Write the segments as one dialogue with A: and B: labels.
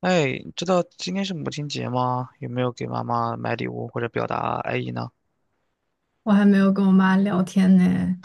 A: 哎，你知道今天是母亲节吗？有没有给妈妈买礼物或者表达爱意呢？
B: 我还没有跟我妈聊天呢，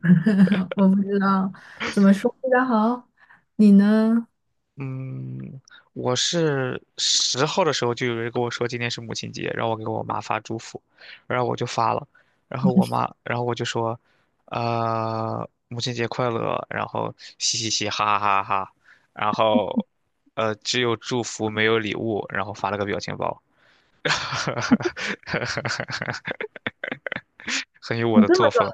B: 我不知道怎么说比较好。你呢？
A: 嗯，我是十号的时候就有人跟我说今天是母亲节，让我给我妈发祝福，然后我就发了，然后我妈，然后我就说，母亲节快乐，然后嘻嘻嘻，哈哈哈哈，然后，只有祝福没有礼物，然后发了个表情包，很有我
B: 你
A: 的
B: 这么
A: 作
B: 早
A: 风。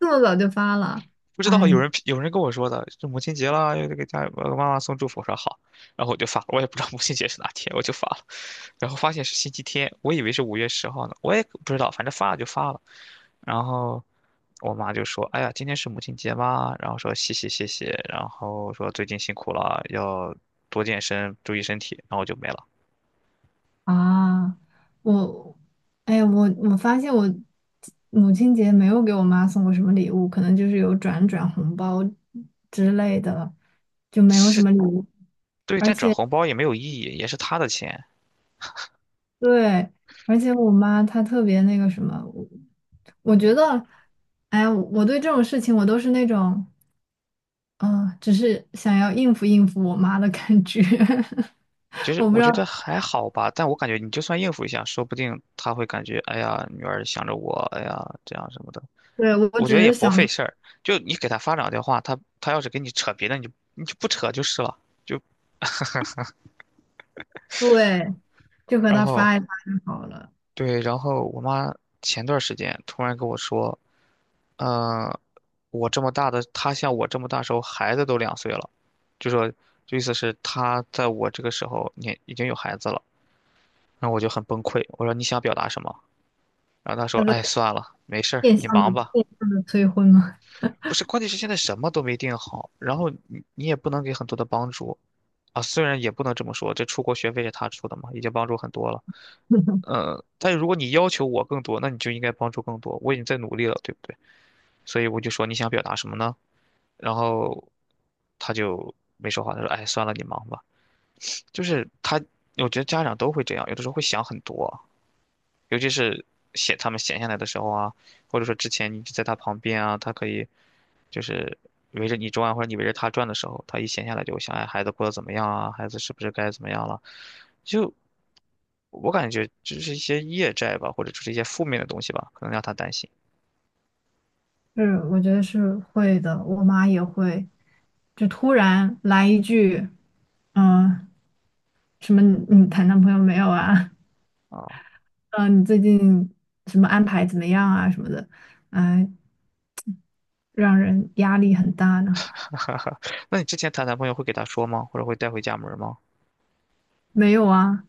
B: 就发了？
A: 不知道有
B: 哎
A: 人有人跟我说的，就母亲节啦，要给妈妈送祝福，我说好，然后我就发了，我也不知道母亲节是哪天，我就发了，然后发现是星期天，我以为是5月10号呢，我也不知道，反正发了就发了，然后我妈就说，哎呀，今天是母亲节吗？然后说谢谢谢谢，然后说最近辛苦了，要多健身，注意身体，然后我就没了。
B: 啊，我哎，我发现我母亲节没有给我妈送过什么礼物，可能就是有转红包之类的，就没有什么礼物。
A: 对，
B: 而
A: 但转
B: 且
A: 红包也没有意义，也是她的钱，
B: 对，而且我妈她特别那个什么，我觉得，哎呀，我对这种事情我都是那种。嗯，只是想要应付应付我妈的感觉，
A: 其 实
B: 我不
A: 我
B: 知道，
A: 觉得还好吧，但我感觉你就算应付一下，说不定他会感觉，哎呀，女儿想着我，哎呀，这样什么的。
B: 对，我
A: 我觉
B: 只
A: 得也
B: 是
A: 不
B: 想
A: 费
B: 说，
A: 事儿，就你给他发两句话，他要是跟你扯别的，你就不扯就是了。就
B: 对，就和
A: 然
B: 她
A: 后
B: 发一发就好了。
A: 对，然后我妈前段时间突然跟我说，嗯、我这么大的，她像我这么大时候，孩子都2岁了，就说就意思是她在我这个时候，你已经有孩子了。然后我就很崩溃，我说你想表达什么？然后他说：
B: 她
A: “哎，
B: 在
A: 算了，没事儿，
B: 变
A: 你
B: 相的
A: 忙吧。"
B: 变相的催婚吗？
A: 不是，关键是现在什么都没定好，然后你也不能给很多的帮助啊。虽然也不能这么说，这出国学费是他出的嘛，已经帮助很多了。但是如果你要求我更多，那你就应该帮助更多。我已经在努力了，对不对？所以我就说你想表达什么呢？然后他就没说话，他说："哎，算了，你忙吧。"就是他，我觉得家长都会这样，有的时候会想很多。尤其是他们闲下来的时候啊，或者说之前你就在他旁边啊，他可以就是围着你转啊，或者你围着他转的时候，他一闲下来就会想，哎，孩子过得怎么样啊？孩子是不是该怎么样了？就我感觉就是一些业债吧，或者就是一些负面的东西吧，可能让他担心
B: 是，我觉得是会的，我妈也会，就突然来一句，嗯、什么你谈男朋友没有啊？
A: 啊。
B: 嗯、你最近什么安排怎么样啊什么的，嗯，让人压力很大呢。
A: 那你之前谈男朋友会给他说吗？或者会带回家门吗？
B: 没有啊，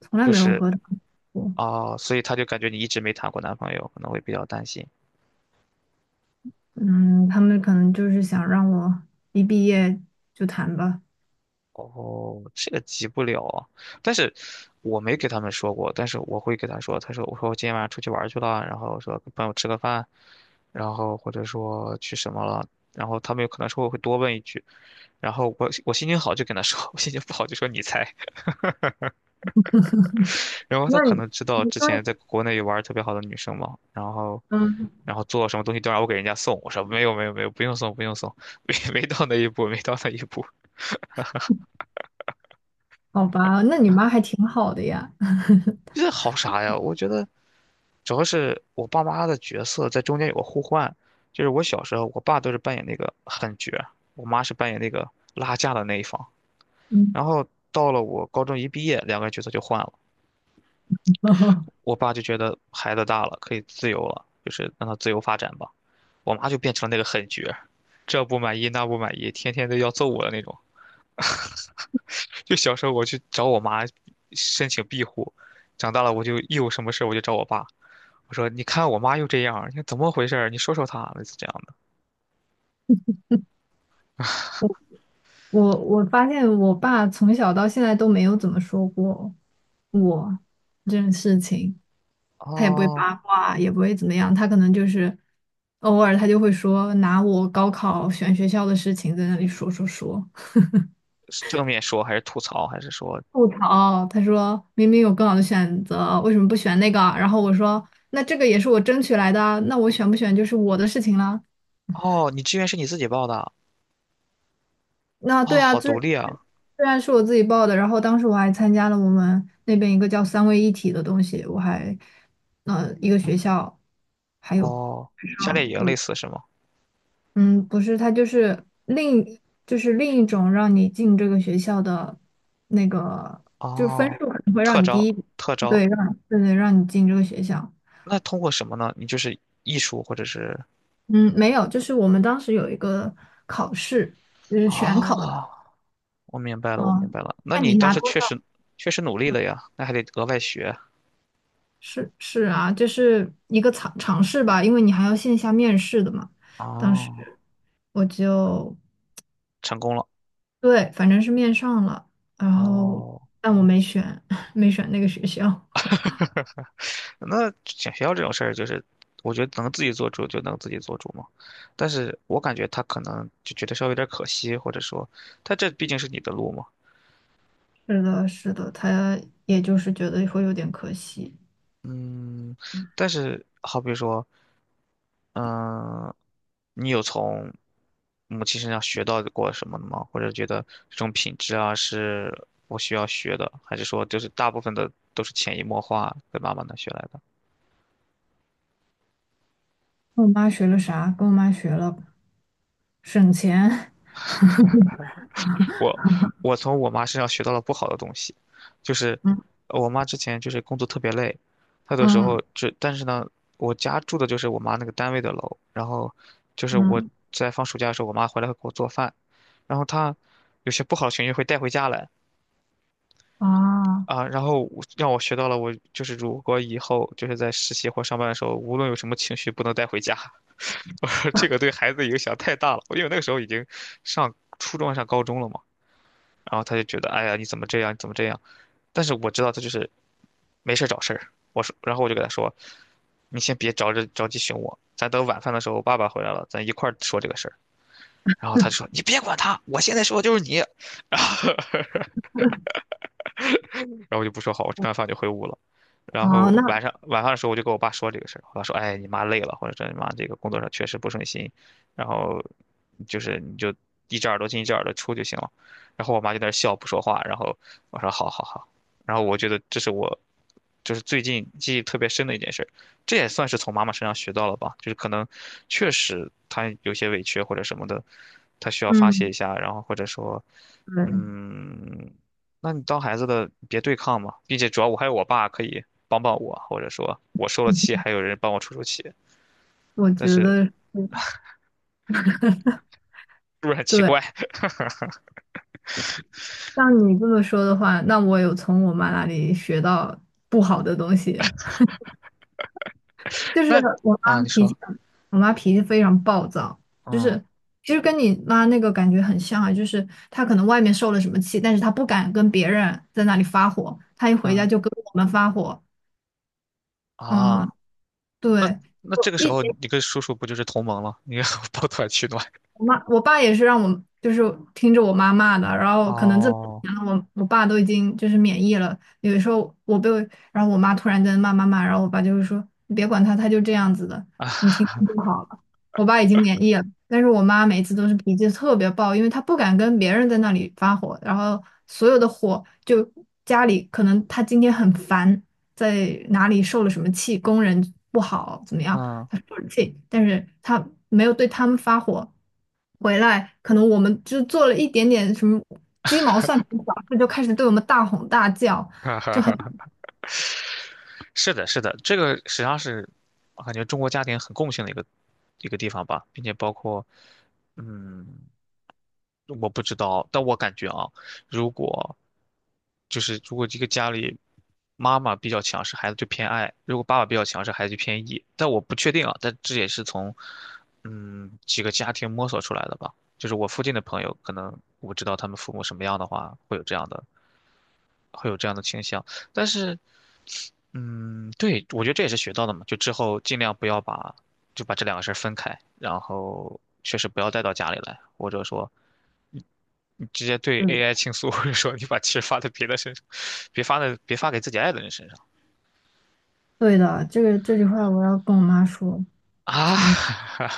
B: 从来
A: 就
B: 没有
A: 是
B: 和他们过。
A: 啊，哦所以他就感觉你一直没谈过男朋友，可能会比较担心。
B: 嗯，他们可能就是想让我一毕业就谈吧。
A: 哦，这个急不了啊但是我没给他们说过，但是我会给他说，他说我说我今天晚上出去玩去了，然后说跟朋友吃个饭，然后或者说去什么了，然后他们有可能说我会多问一句，然后我心情好就跟他说，我心情不好就说你猜，然后他
B: 那
A: 可
B: 你，
A: 能知道
B: 你
A: 之前
B: 说，
A: 在国内有玩特别好的女生嘛，然后
B: 嗯，
A: 做什么东西都让我给人家送，我说没有没有没有，不用送不用送，没到那一步，
B: 好吧，那你妈还挺好的呀。
A: 这好啥呀？我觉得。主要是我爸妈的角色在中间有个互换，就是我小时候，我爸都是扮演那个狠角儿，我妈是扮演那个拉架的那一方。
B: 嗯，
A: 然后到了我高中一毕业，两个人角色就换了。我爸就觉得孩子大了，可以自由了，就是让他自由发展吧。我妈就变成了那个狠角儿，这不满意那不满意，天天都要揍我的那种。就小时候我去找我妈申请庇护，长大了我就一有什么事儿我就找我爸。我说："你看我妈又这样儿你看怎么回事儿你说说她，类似这样的。"
B: 我发现我爸从小到现在都没有怎么说过我这件事情，他也不会
A: 哦，
B: 八卦，也不会怎么样，他可能就是偶尔他就会说拿我高考选学校的事情在那里说，
A: 是正面说还是吐槽，还是说
B: 吐槽，他说明明有更好的选择，为什么不选那个啊？然后我说，那这个也是我争取来的啊，那我选不选就是我的事情了。
A: 哦，你志愿是你自己报的？
B: 那
A: 哦，
B: 对啊，
A: 好
B: 这
A: 独立啊！
B: 虽然是我自己报的，然后当时我还参加了我们那边一个叫三位一体的东西，我还，一个学校还有
A: 哦，夏令
B: 上，
A: 营
B: 对，
A: 类似是吗？
B: 嗯，不是，他就是另就是另一种让你进这个学校的那个，就是分
A: 哦，
B: 数可能会
A: 特
B: 让你
A: 招，
B: 低一点，
A: 特招，
B: 对，让，让你进这个学校。
A: 那通过什么呢？你就是艺术或者是
B: 嗯，没有，就是我们当时有一个考试，就是全考的，
A: 哦，我明白了，我明
B: 嗯，
A: 白了。那
B: 看
A: 你
B: 你
A: 当
B: 拿
A: 时
B: 多
A: 确
B: 少，
A: 实确实努力了呀，那还得额外学
B: 是是啊，就是一个尝试吧，因为你还要线下面试的嘛。当
A: 哦，
B: 时我就
A: 成功了
B: 对，反正是面上了，然后
A: 哦。
B: 但我没选，没选那个学校。
A: 那选学校这种事儿，就是我觉得能自己做主就能自己做主嘛。但是我感觉他可能就觉得稍微有点可惜，或者说他这毕竟是你的路嘛。
B: 是的，是的，他也就是觉得会有点可惜。
A: 嗯，但是好比说，嗯，你有从母亲身上学到过什么的吗？或者觉得这种品质啊是我需要学的，还是说就是大部分的都是潜移默化跟妈妈那学来的？
B: 跟我妈学了啥？跟我妈学了省钱。
A: 我我从我妈身上学到了不好的东西，就是
B: 嗯
A: 我妈之前就是工作特别累，她的时
B: 嗯
A: 候就但是呢，我家住的就是我妈那个单位的楼，然后就是我
B: 嗯
A: 在放暑假的时候，我妈回来会给我做饭，然后她有些不好的情绪会带回家来
B: 啊。
A: 啊，然后我让我学到了我就是如果以后就是在实习或上班的时候，无论有什么情绪不能带回家，我说这个对孩子影响太大了，因为那个时候已经上初中上高中了嘛。然后他就觉得，哎呀，你怎么这样？你怎么这样？但是我知道他就是没事儿找事儿。我说，然后我就给他说，你先别着急寻我，咱等晚饭的时候爸爸回来了，咱一块儿说这个事儿。然后他就说，你别管他，我现在说的就是你。然后我就不说好，我吃完饭就回屋了。然
B: 哦，
A: 后
B: 那
A: 晚上晚饭的时候，我就跟我爸说这个事儿，我爸说，哎，你妈累了，或者说你妈这个工作上确实不顺心，然后就是你就一只耳朵进一只耳朵出就行了。然后我妈就在那儿笑不说话，然后我说好好好，然后我觉得这是我就是最近记忆特别深的一件事儿，这也算是从妈妈身上学到了吧，就是可能确实她有些委屈或者什么的，她需要发泄
B: 嗯，
A: 一下，然后或者说。
B: 对，
A: 嗯，那你当孩子的别对抗嘛，并且主要我还有我爸可以帮帮我，或者说我受了气，还有人帮我出出气，
B: 我
A: 但
B: 觉
A: 是是
B: 得是
A: 不是很奇
B: 对。
A: 怪？
B: 像你这么说的话，那我有从我妈那里学到不好的东西，就是
A: 那
B: 我
A: 啊，
B: 妈
A: 你
B: 脾
A: 说，
B: 气很，我妈脾气非常暴躁，就
A: 嗯
B: 是其实跟你妈那个感觉很像啊，就是她可能外面受了什么气，但是她不敢跟别人在那里发火，她一回家
A: 嗯
B: 就跟我们发火。嗯，
A: 啊，那
B: 对，
A: 那这个时
B: 一。
A: 候你跟叔叔不就是同盟了？你要 抱团取暖。
B: 我爸也是让我就是听着我妈骂的，然后可能这么多
A: 哦，
B: 年了，我爸都已经就是免疫了。有的时候我被，然后我妈突然间骂，然后我爸就会说你别管他，他就这样子的，你听听就好了。我爸已经免疫了，但是我妈每次都是脾气特别暴，因为她不敢跟别人在那里发火，然后所有的火就家里可能她今天很烦，在哪里受了什么气，工人不好怎么样。
A: 嗯，
B: 他说了气，但是他没有对他们发火。回来，可能我们就做了一点点什么鸡毛蒜皮小事，就开始对我们大吼大叫。
A: 哈哈哈，是的，是的，这个实际上是我感觉中国家庭很共性的一个一个地方吧，并且包括嗯我不知道，但我感觉啊，如果就是如果这个家里妈妈比较强势，孩子就偏爱；如果爸爸比较强势，孩子就偏 E。但我不确定啊，但这也是从几个家庭摸索出来的吧。就是我附近的朋友，可能我知道他们父母什么样的话，会有这样的倾向。但是嗯，对，我觉得这也是学到的嘛，就之后尽量不要把这两个事儿分开，然后确实不要带到家里来，或者说直接对
B: 嗯，
A: AI 倾诉，或者说你把气儿发在别的身上，别发给自己爱的人身上
B: 对的，这句话我要跟我妈说。
A: 啊！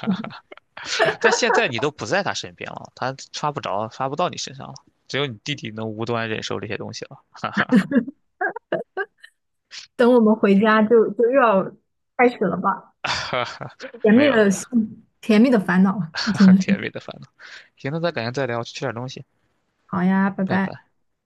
B: 嗯，
A: 但现在你都不在他身边了，他刷不着，刷不到你身上了，只有你弟弟能无端忍受这些东西了。
B: 等我们回家就又要开始了吧，甜
A: 没
B: 蜜
A: 有
B: 的
A: 没
B: 甜蜜的烦恼，
A: 有，
B: 真的 是。
A: 甜蜜的烦恼。行，那咱改天再聊，我去吃点东西，
B: 好呀，拜
A: 拜
B: 拜。
A: 拜。